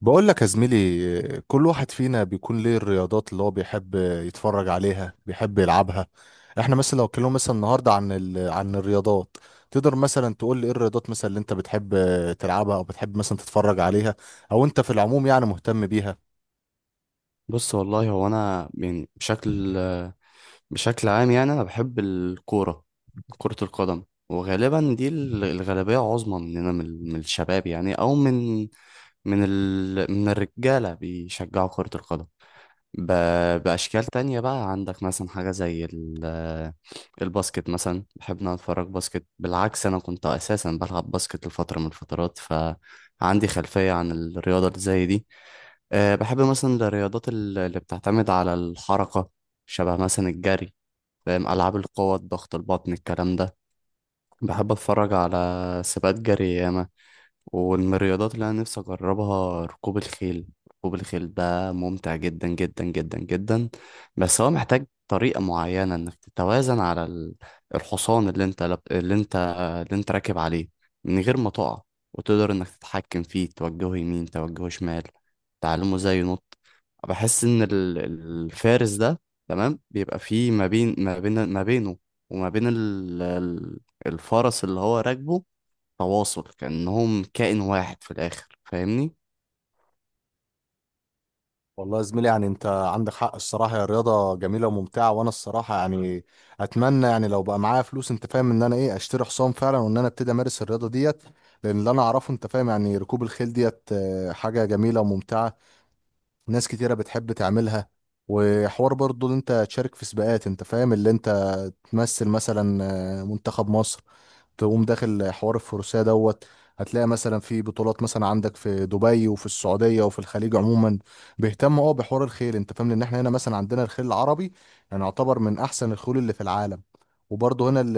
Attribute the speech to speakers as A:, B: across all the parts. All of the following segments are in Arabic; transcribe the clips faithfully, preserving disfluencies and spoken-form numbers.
A: بقول لك يا زميلي، كل واحد فينا بيكون ليه الرياضات اللي هو بيحب يتفرج عليها بيحب يلعبها. احنا مثلا لو اتكلمنا مثلا النهارده عن ال... عن الرياضات، تقدر مثلا تقول لي ايه الرياضات مثلا اللي انت بتحب تلعبها او بتحب مثلا تتفرج عليها، او انت في العموم يعني مهتم بيها؟
B: بص، والله هو انا يعني بشكل بشكل عام، يعني انا بحب الكوره، كره القدم. وغالبا دي ال- الغالبيه عظمى مننا، من من الشباب، يعني او من من ال من الرجاله بيشجعوا كره القدم ب... بأشكال تانية. بقى عندك مثلا حاجة زي ال... الباسكت. مثلا بحب إن أنا أتفرج باسكت، بالعكس أنا كنت أساسا بلعب باسكت لفترة من الفترات، فعندي خلفية عن الرياضة اللي زي دي. أه بحب مثلا الرياضات ال- اللي بتعتمد على الحركة، شبه مثلا الجري. فاهم، ألعاب القوة، الضغط، البطن، الكلام ده. بحب أتفرج على سباقات جري ياما. ومن الرياضات اللي انا نفسي اجربها ركوب الخيل. ركوب الخيل ده ممتع جدا جدا جدا جدا. بس هو محتاج طريقة معينة انك تتوازن على ال- الحصان اللي انت لب... اللي انت اللي انت راكب عليه من غير ما تقع، وتقدر انك تتحكم فيه، توجهه يمين، توجهه شمال، تعلمه ازاي ينط. بحس ان ال- الفارس ده تمام بيبقى فيه ما بين ما بين ما بينه وما بين ال... ال- الفرس اللي هو راكبه تواصل، كأنهم كائن واحد في الآخر، فاهمني؟
A: والله يا زميلي يعني انت عندك حق الصراحه، يا رياضه جميله وممتعه، وانا الصراحه يعني اتمنى يعني لو بقى معايا فلوس، انت فاهم ان انا ايه، اشتري حصان فعلا وان انا ابتدي امارس الرياضه ديت. لان اللي انا اعرفه انت فاهم، يعني ركوب الخيل ديت اه، حاجه جميله وممتعه. ناس كتيره بتحب تعملها، وحوار برضو اللي انت تشارك في سباقات، انت فاهم اللي انت تمثل مثلا اه، منتخب مصر، تقوم داخل حوار الفروسية دوت. هتلاقي مثلا في بطولات مثلا عندك في دبي وفي السعودية وفي الخليج عموما بيهتموا اه بحوار الخيل. انت فاهم ان احنا هنا مثلا عندنا الخيل العربي، يعني يعتبر من احسن الخيول اللي في العالم. وبرضه هنا ال-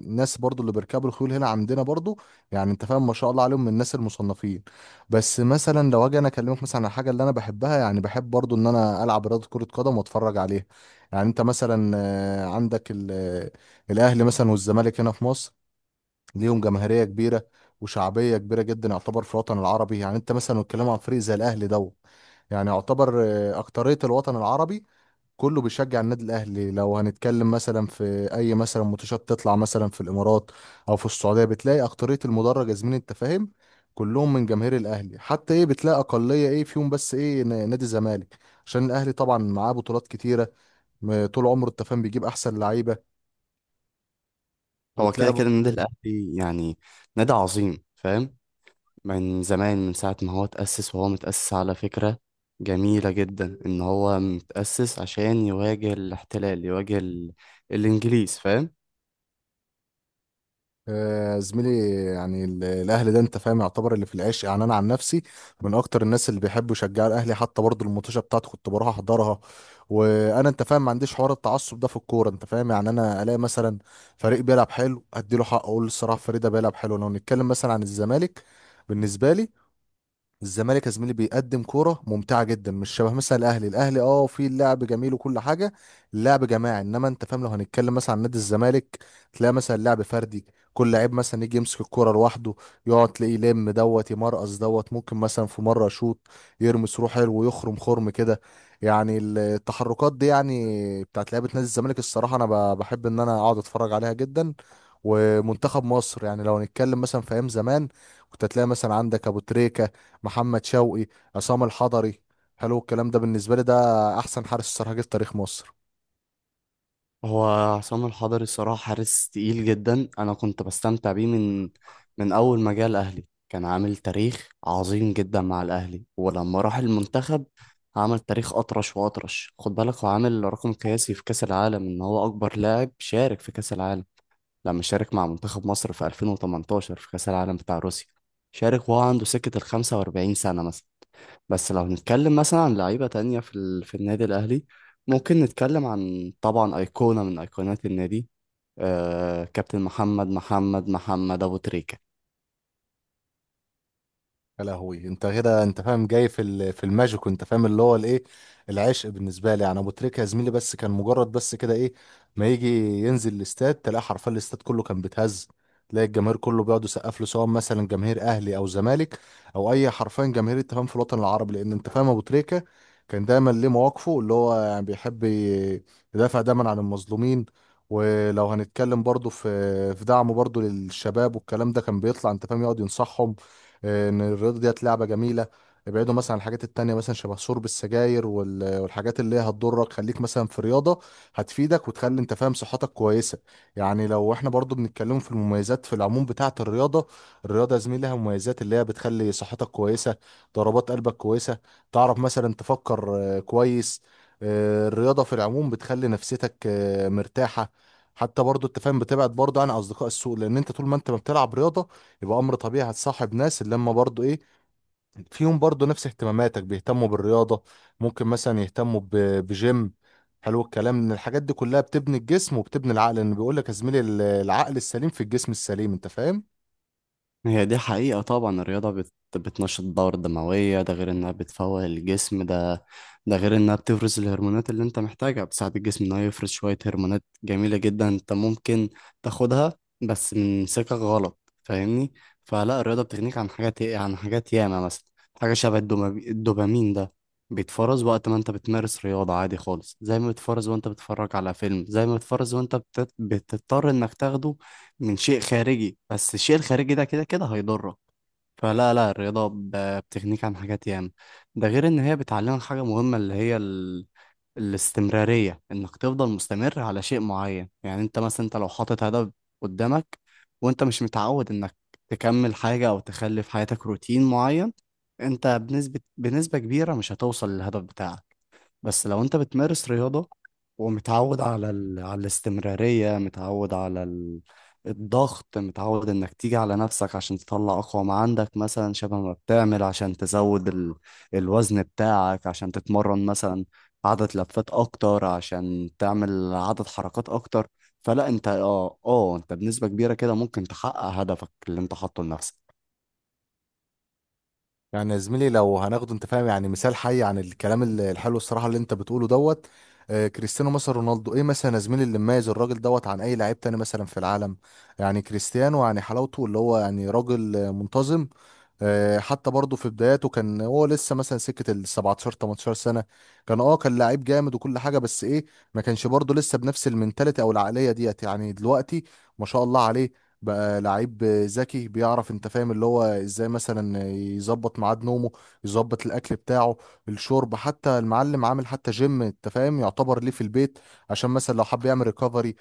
A: الناس برضه اللي بيركبوا الخيول هنا عندنا برضه، يعني انت فاهم ما شاء الله عليهم، من الناس المصنفين. بس مثلا لو اجي انا اكلمك مثلا عن الحاجه اللي انا بحبها، يعني بحب برضه ان انا العب رياضه كره قدم واتفرج عليها. يعني انت مثلا آه، عندك ال- آه، الاهلي مثلا والزمالك هنا في مصر، ليهم جماهيريه كبيره وشعبيه كبيره جدا. يعتبر في الوطن العربي، يعني انت مثلا بتتكلم عن فريق زي الاهلي دوت، يعني يعتبر آه، اكتريه الوطن العربي كله بيشجع النادي الاهلي. لو هنتكلم مثلا في اي مثلا ماتشات تطلع مثلا في الامارات او في السعوديه، بتلاقي اكتريه المدرج يا زميلي، انت فاهم كلهم من جماهير الاهلي. حتى ايه، بتلاقي اقليه ايه فيهم بس ايه ن- نادي الزمالك. عشان الاهلي طبعا معاه بطولات كتيره، م- طول عمره التفاهم بيجيب احسن لعيبه
B: هو كده
A: وتلاقي.
B: كده النادي الأهلي يعني نادي عظيم، فاهم؟ من زمان، من ساعة ما هو اتأسس. وهو متأسس على فكرة جميلة جدا، إن هو متأسس عشان يواجه الاحتلال، يواجه ال... الإنجليز، فاهم؟
A: آه، زميلي يعني ال- الاهلي ده انت فاهم يعتبر اللي في العيش. يعني انا عن نفسي من اكتر الناس اللي بيحبوا يشجعوا الاهلي، حتى برضه الماتشات بتاعته كنت بروح احضرها. وانا انت فاهم ما عنديش حوار التعصب ده في الكوره، انت فاهم، يعني انا الاقي مثلا فريق بيلعب حلو ادي له حق، اقول الصراحه الفريق ده بيلعب حلو. لو نتكلم مثلا عن الزمالك، بالنسبه لي، الزمالك يا زميلي بيقدم كوره ممتعه جدا، مش شبه مثلا الاهلي. الاهلي اه في اللعب جميل وكل حاجه، اللعب جماعي. انما انت فاهم لو هنتكلم مثلا عن نادي الزمالك، تلاقي مثلا لعب فردي. كل لعيب مثلا يجي يمسك الكوره لوحده، يقعد تلاقيه يلم دوت يمرقص دوت، ممكن مثلا في مره يشوط، يرمس روح حلو، ويخرم خرم كده. يعني التحركات دي يعني بتاعت لعيبه نادي الزمالك، الصراحه انا ب- بحب ان انا اقعد اتفرج عليها جدا. ومنتخب مصر، يعني لو هنتكلم مثلا في ايام زمان، كنت هتلاقي مثلا عندك ابو تريكة، محمد شوقي، عصام الحضري. حلو الكلام ده، بالنسبه لي ده احسن حارس صراحه جه في تاريخ مصر.
B: هو عصام الحضري الصراحة حارس تقيل جدا. أنا كنت بستمتع بيه من من أول ما جه الأهلي. كان عامل تاريخ عظيم جدا مع الأهلي، ولما راح المنتخب عمل تاريخ أطرش وأطرش. خد بالك، هو عامل رقم قياسي في كأس العالم، إن هو أكبر لاعب شارك في كأس العالم، لما شارك مع منتخب مصر في ألفين وتمنتاشر في كأس العالم بتاع روسيا، شارك وهو عنده سكة ال خمسة وأربعين سنة مثلا. بس لو نتكلم مثلا عن لعيبة تانية في ال... في النادي الأهلي، ممكن نتكلم عن طبعا أيقونة من أيقونات النادي، آه... كابتن محمد محمد محمد أبو تريكة.
A: يا لهوي، انت كده انت فاهم جاي في ال- في الماجيك، وانت فاهم اللي هو الايه، العشق بالنسبه لي. يعني ابو تريكه يا زميلي، بس كان مجرد بس كده ايه، ما يجي ينزل الاستاد تلاقي حرفيا الاستاد كله كان بيتهز. تلاقي الجماهير كله بيقعد يسقف له، سواء مثلا جماهير اهلي او زمالك او اي حرفيا جماهير، انت فاهم في الوطن العربي. لان انت فاهم ابو تريكه كان دايما ليه مواقفه، اللي هو يعني بيحب ي- يدافع دايما عن المظلومين. ولو هنتكلم برضه في في دعمه برضه للشباب والكلام ده، كان بيطلع انت فاهم يقعد ينصحهم آه، ان الرياضه ديت لعبه جميله. ابعدوا مثلا عن الحاجات التانية، مثلا شبه شرب السجاير وال- والحاجات اللي هي هتضرك، خليك مثلا في رياضة هتفيدك وتخلي انت فاهم صحتك كويسة. يعني لو احنا برضو بنتكلم في المميزات في العموم بتاعة الرياضة، الرياضة يا زميلي لها مميزات اللي هي بتخلي صحتك كويسة، ضربات قلبك كويسة، تعرف مثلا تفكر آه، كويس. آه، الرياضة في العموم بتخلي نفسيتك آه، مرتاحة. حتى برضو انت فاهم بتبعد برضو عن اصدقاء السوء، لان انت طول ما انت ما بتلعب رياضة، يبقى امر طبيعي هتصاحب ناس اللي هم برضو ايه، فيهم برضو نفس اهتماماتك، بيهتموا بالرياضه، ممكن مثلا يهتموا ب- بجيم. حلو الكلام، ان الحاجات دي كلها بتبني الجسم وبتبني العقل، لان بيقول لك يا زميلي ال- العقل السليم في الجسم السليم، انت فاهم.
B: هي دي حقيقة، طبعا الرياضة بت... بتنشط الدورة الدموية، ده غير انها بتفوق الجسم ده، ده غير انها بتفرز الهرمونات اللي انت محتاجها. بتساعد الجسم انه يفرز شوية هرمونات جميلة جدا، انت ممكن تاخدها بس من سكة غلط، فاهمني؟ فلا الرياضة بتغنيك عن حاجات، عن حاجات ياما. مثلا حاجة شبه الدوما- الدوبامين ده بيتفرز وقت ما انت بتمارس رياضة عادي خالص، زي ما بيتفرز وانت بتتفرج على فيلم، زي ما بيتفرز وانت بت... بتضطر انك تاخده من شيء خارجي، بس الشيء الخارجي ده كده كده هيضرك. فلا لا الرياضة ب- بتغنيك عن حاجات ياما. ده غير إن هي بتعلمك حاجة مهمة، اللي هي ال... الاستمرارية. إنك تفضل مستمر على شيء معين، يعني أنت مثلا أنت لو حاطط هدف قدامك، وأنت مش متعود إنك تكمل حاجة أو تخلي في حياتك روتين معين، أنت بنسبة بنسبة كبيرة مش هتوصل للهدف بتاعك. بس لو انت بتمارس رياضة ومتعود على ال... على الاستمرارية، متعود على ال... الضغط، متعود انك تيجي على نفسك عشان تطلع اقوى ما عندك، مثلا شبه ما بتعمل عشان تزود ال... الوزن بتاعك، عشان تتمرن مثلا عدد لفات اكتر، عشان تعمل عدد حركات اكتر، فلا انت اه اه انت بنسبة كبيرة كده ممكن تحقق هدفك اللي انت حاطه لنفسك.
A: يعني يا زميلي، لو هناخده انت فاهم يعني مثال حي عن الكلام ال- الحلو الصراحه اللي انت بتقوله دوت، آه، كريستيانو مثلا رونالدو. ايه مثلا يا زميلي اللي مميز الراجل دوت عن اي لعيب تاني مثلا في العالم؟ يعني كريستيانو يعني حلاوته اللي هو يعني راجل آه، منتظم. آه، حتى برضه في بداياته كان هو لسه مثلا سكه ال سبعة عشر ثمانية عشر سنه، كان اه كان لعيب جامد وكل حاجه، بس ايه ما كانش برضه لسه بنفس المنتاليتي او العقليه ديت يعني دلوقتي. ما شاء الله عليه، بقى لعيب ذكي بيعرف انت فاهم اللي هو ازاي مثلا يظبط ميعاد نومه، يظبط الاكل بتاعه، الشرب، حتى المعلم عامل حتى جيم انت فاهم يعتبر ليه في البيت، عشان مثلا لو حب يعمل ريكفري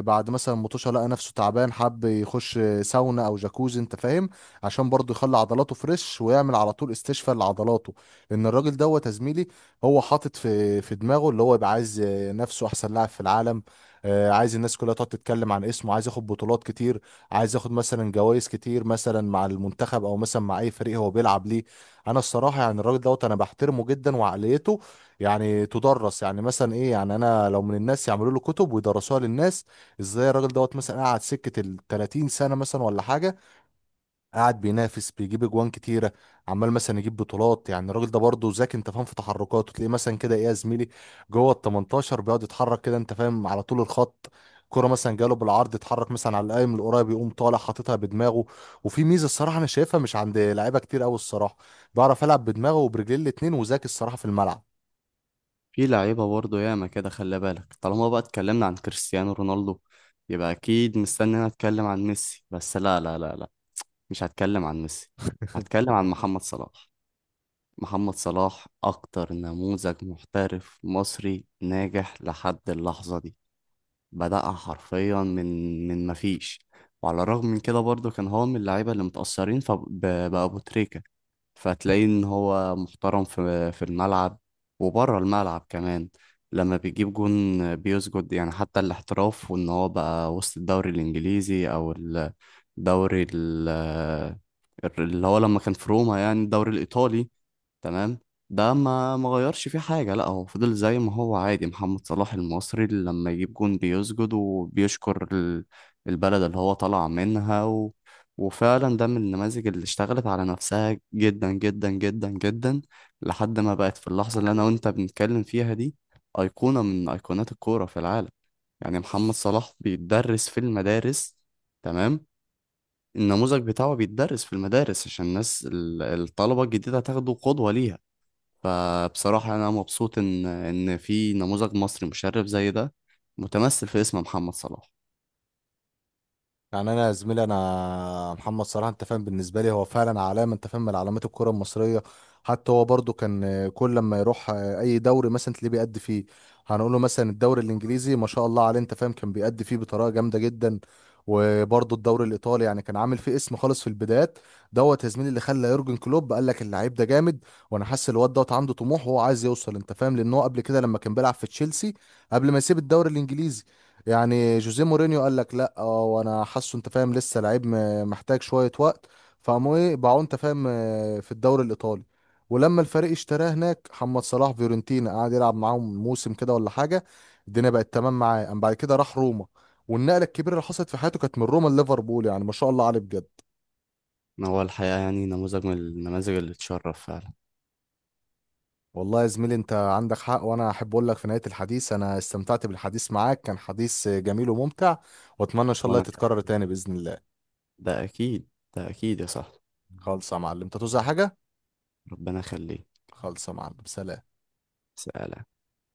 A: بعد مثلا مطوشه لقى نفسه تعبان، حب يخش ساونا او جاكوزي انت فاهم، عشان برضه يخلي عضلاته فريش ويعمل على طول استشفاء لعضلاته. لان الراجل دوت يا زميلي، هو حاطط في في دماغه اللي هو يبقى عايز نفسه احسن لاعب في العالم. آه، عايز الناس كلها تقعد تتكلم عن اسمه، عايز ياخد بطولات كتير، عايز ياخد مثلا جوائز كتير، مثلا مع المنتخب او مثلا مع اي فريق هو بيلعب ليه. انا الصراحه يعني الراجل دوت انا بحترمه جدا، وعقليته يعني تدرس، يعني مثلا ايه، يعني انا لو من الناس يعملوا له كتب ويدرسوها للناس، ازاي الراجل دوت مثلا قعد سكه ال تلاتين سنه مثلا ولا حاجه قاعد بينافس، بيجيب اجوان كتيره، عمال مثلا يجيب بطولات. يعني الراجل ده برضه ذكي انت فاهم في تحركاته، تلاقيه مثلا كده ايه يا زميلي، جوه ال تمنتاشر بيقعد يتحرك كده انت فاهم على طول الخط. كرة مثلا جاله بالعرض، اتحرك مثلا على القايم القريب، يقوم طالع حاططها بدماغه. وفي ميزه الصراحه انا شايفها مش عند لعيبه كتير قوي الصراحه، بيعرف يلعب بدماغه وبرجليه الاتنين، وذكي الصراحه في الملعب.
B: في لعيبة برضه ياما كده، خلي بالك، طالما بقى اتكلمنا عن كريستيانو رونالدو، يبقى أكيد مستني أنا أتكلم عن ميسي. بس لا لا لا لا مش هتكلم عن ميسي، هتكلم عن محمد صلاح. محمد صلاح أكتر نموذج محترف مصري ناجح لحد اللحظة دي. بدأها حرفيا من من مفيش. وعلى الرغم من كده برضه كان هو من اللعيبة اللي متأثرين فبأبو تريكة. فتلاقيه ان هو محترم في في الملعب وبره الملعب كمان. لما بيجيب جون بيسجد، يعني حتى الاحتراف، وان هو بقى وسط الدوري الانجليزي او ال دوري ال اللي هو لما كان في روما، يعني الدوري الإيطالي، تمام، ده ما ما غيرش فيه حاجة. لا هو فضل زي ما هو عادي، محمد صلاح المصري اللي لما يجيب جون بيسجد وبيشكر ال- البلد اللي هو طلع منها و... وفعلا ده من النماذج اللي اشتغلت على نفسها جدا جدا جدا جدا، لحد ما بقت في اللحظة اللي أنا وأنت بنتكلم فيها دي أيقونة من أيقونات الكورة في العالم. يعني محمد صلاح بيتدرس في المدارس، تمام، النموذج بتاعه بيتدرس في المدارس عشان الناس ال- الطلبة الجديدة هتاخده قدوة ليها. فبصراحة أنا مبسوط إن إن في نموذج مصري مشرف زي ده متمثل في اسم محمد صلاح.
A: يعني انا يا زميلي، انا محمد صلاح انت فاهم بالنسبه لي هو فعلا علامه انت فاهم من علامات الكره المصريه. حتى هو برضو كان كل لما يروح اي دوري مثلا تلاقيه بيأدي فيه، هنقول له مثلا الدوري الانجليزي ما شاء الله عليه انت فاهم كان بيأدي فيه بطريقه جامده جدا. وبرضو الدوري الايطالي، يعني كان عامل فيه اسم خالص في البدايات دوت يا زميلي، اللي خلى يورجن كلوب قال لك اللعيب ده جامد، وانا حاسس الواد دوت عنده طموح وهو عايز يوصل انت فاهم. لان هو قبل كده لما كان بيلعب في تشيلسي قبل ما يسيب الدوري الانجليزي، يعني جوزيه مورينيو قال لك لا اه وانا حاسه انت فاهم لسه لعيب م- محتاج شويه وقت، فقاموا ايه باعوه انت فاهم آه، في الدوري الايطالي. ولما الفريق اشتراه هناك محمد صلاح فيورنتينا، قعد يلعب معاهم موسم كده ولا حاجه، الدنيا بقت تمام معاه، قام بعد كده راح روما. والنقله الكبيره اللي حصلت في حياته كانت من روما لليفربول، يعني ما شاء الله عليه بجد.
B: هو الحقيقة يعني نموذج من النماذج اللي تشرف فعلا.
A: والله يا زميلي انت عندك حق، وانا احب اقول لك في نهايه الحديث انا استمتعت بالحديث معاك، كان حديث جميل وممتع، واتمنى ان شاء الله
B: وأنا كمان،
A: تتكرر تاني باذن الله.
B: ده أكيد، ده أكيد يا صاحبي.
A: خالص يا معلم، انت توزع حاجه.
B: ربنا يخليك.
A: خلصة معلم، سلام.
B: سلام.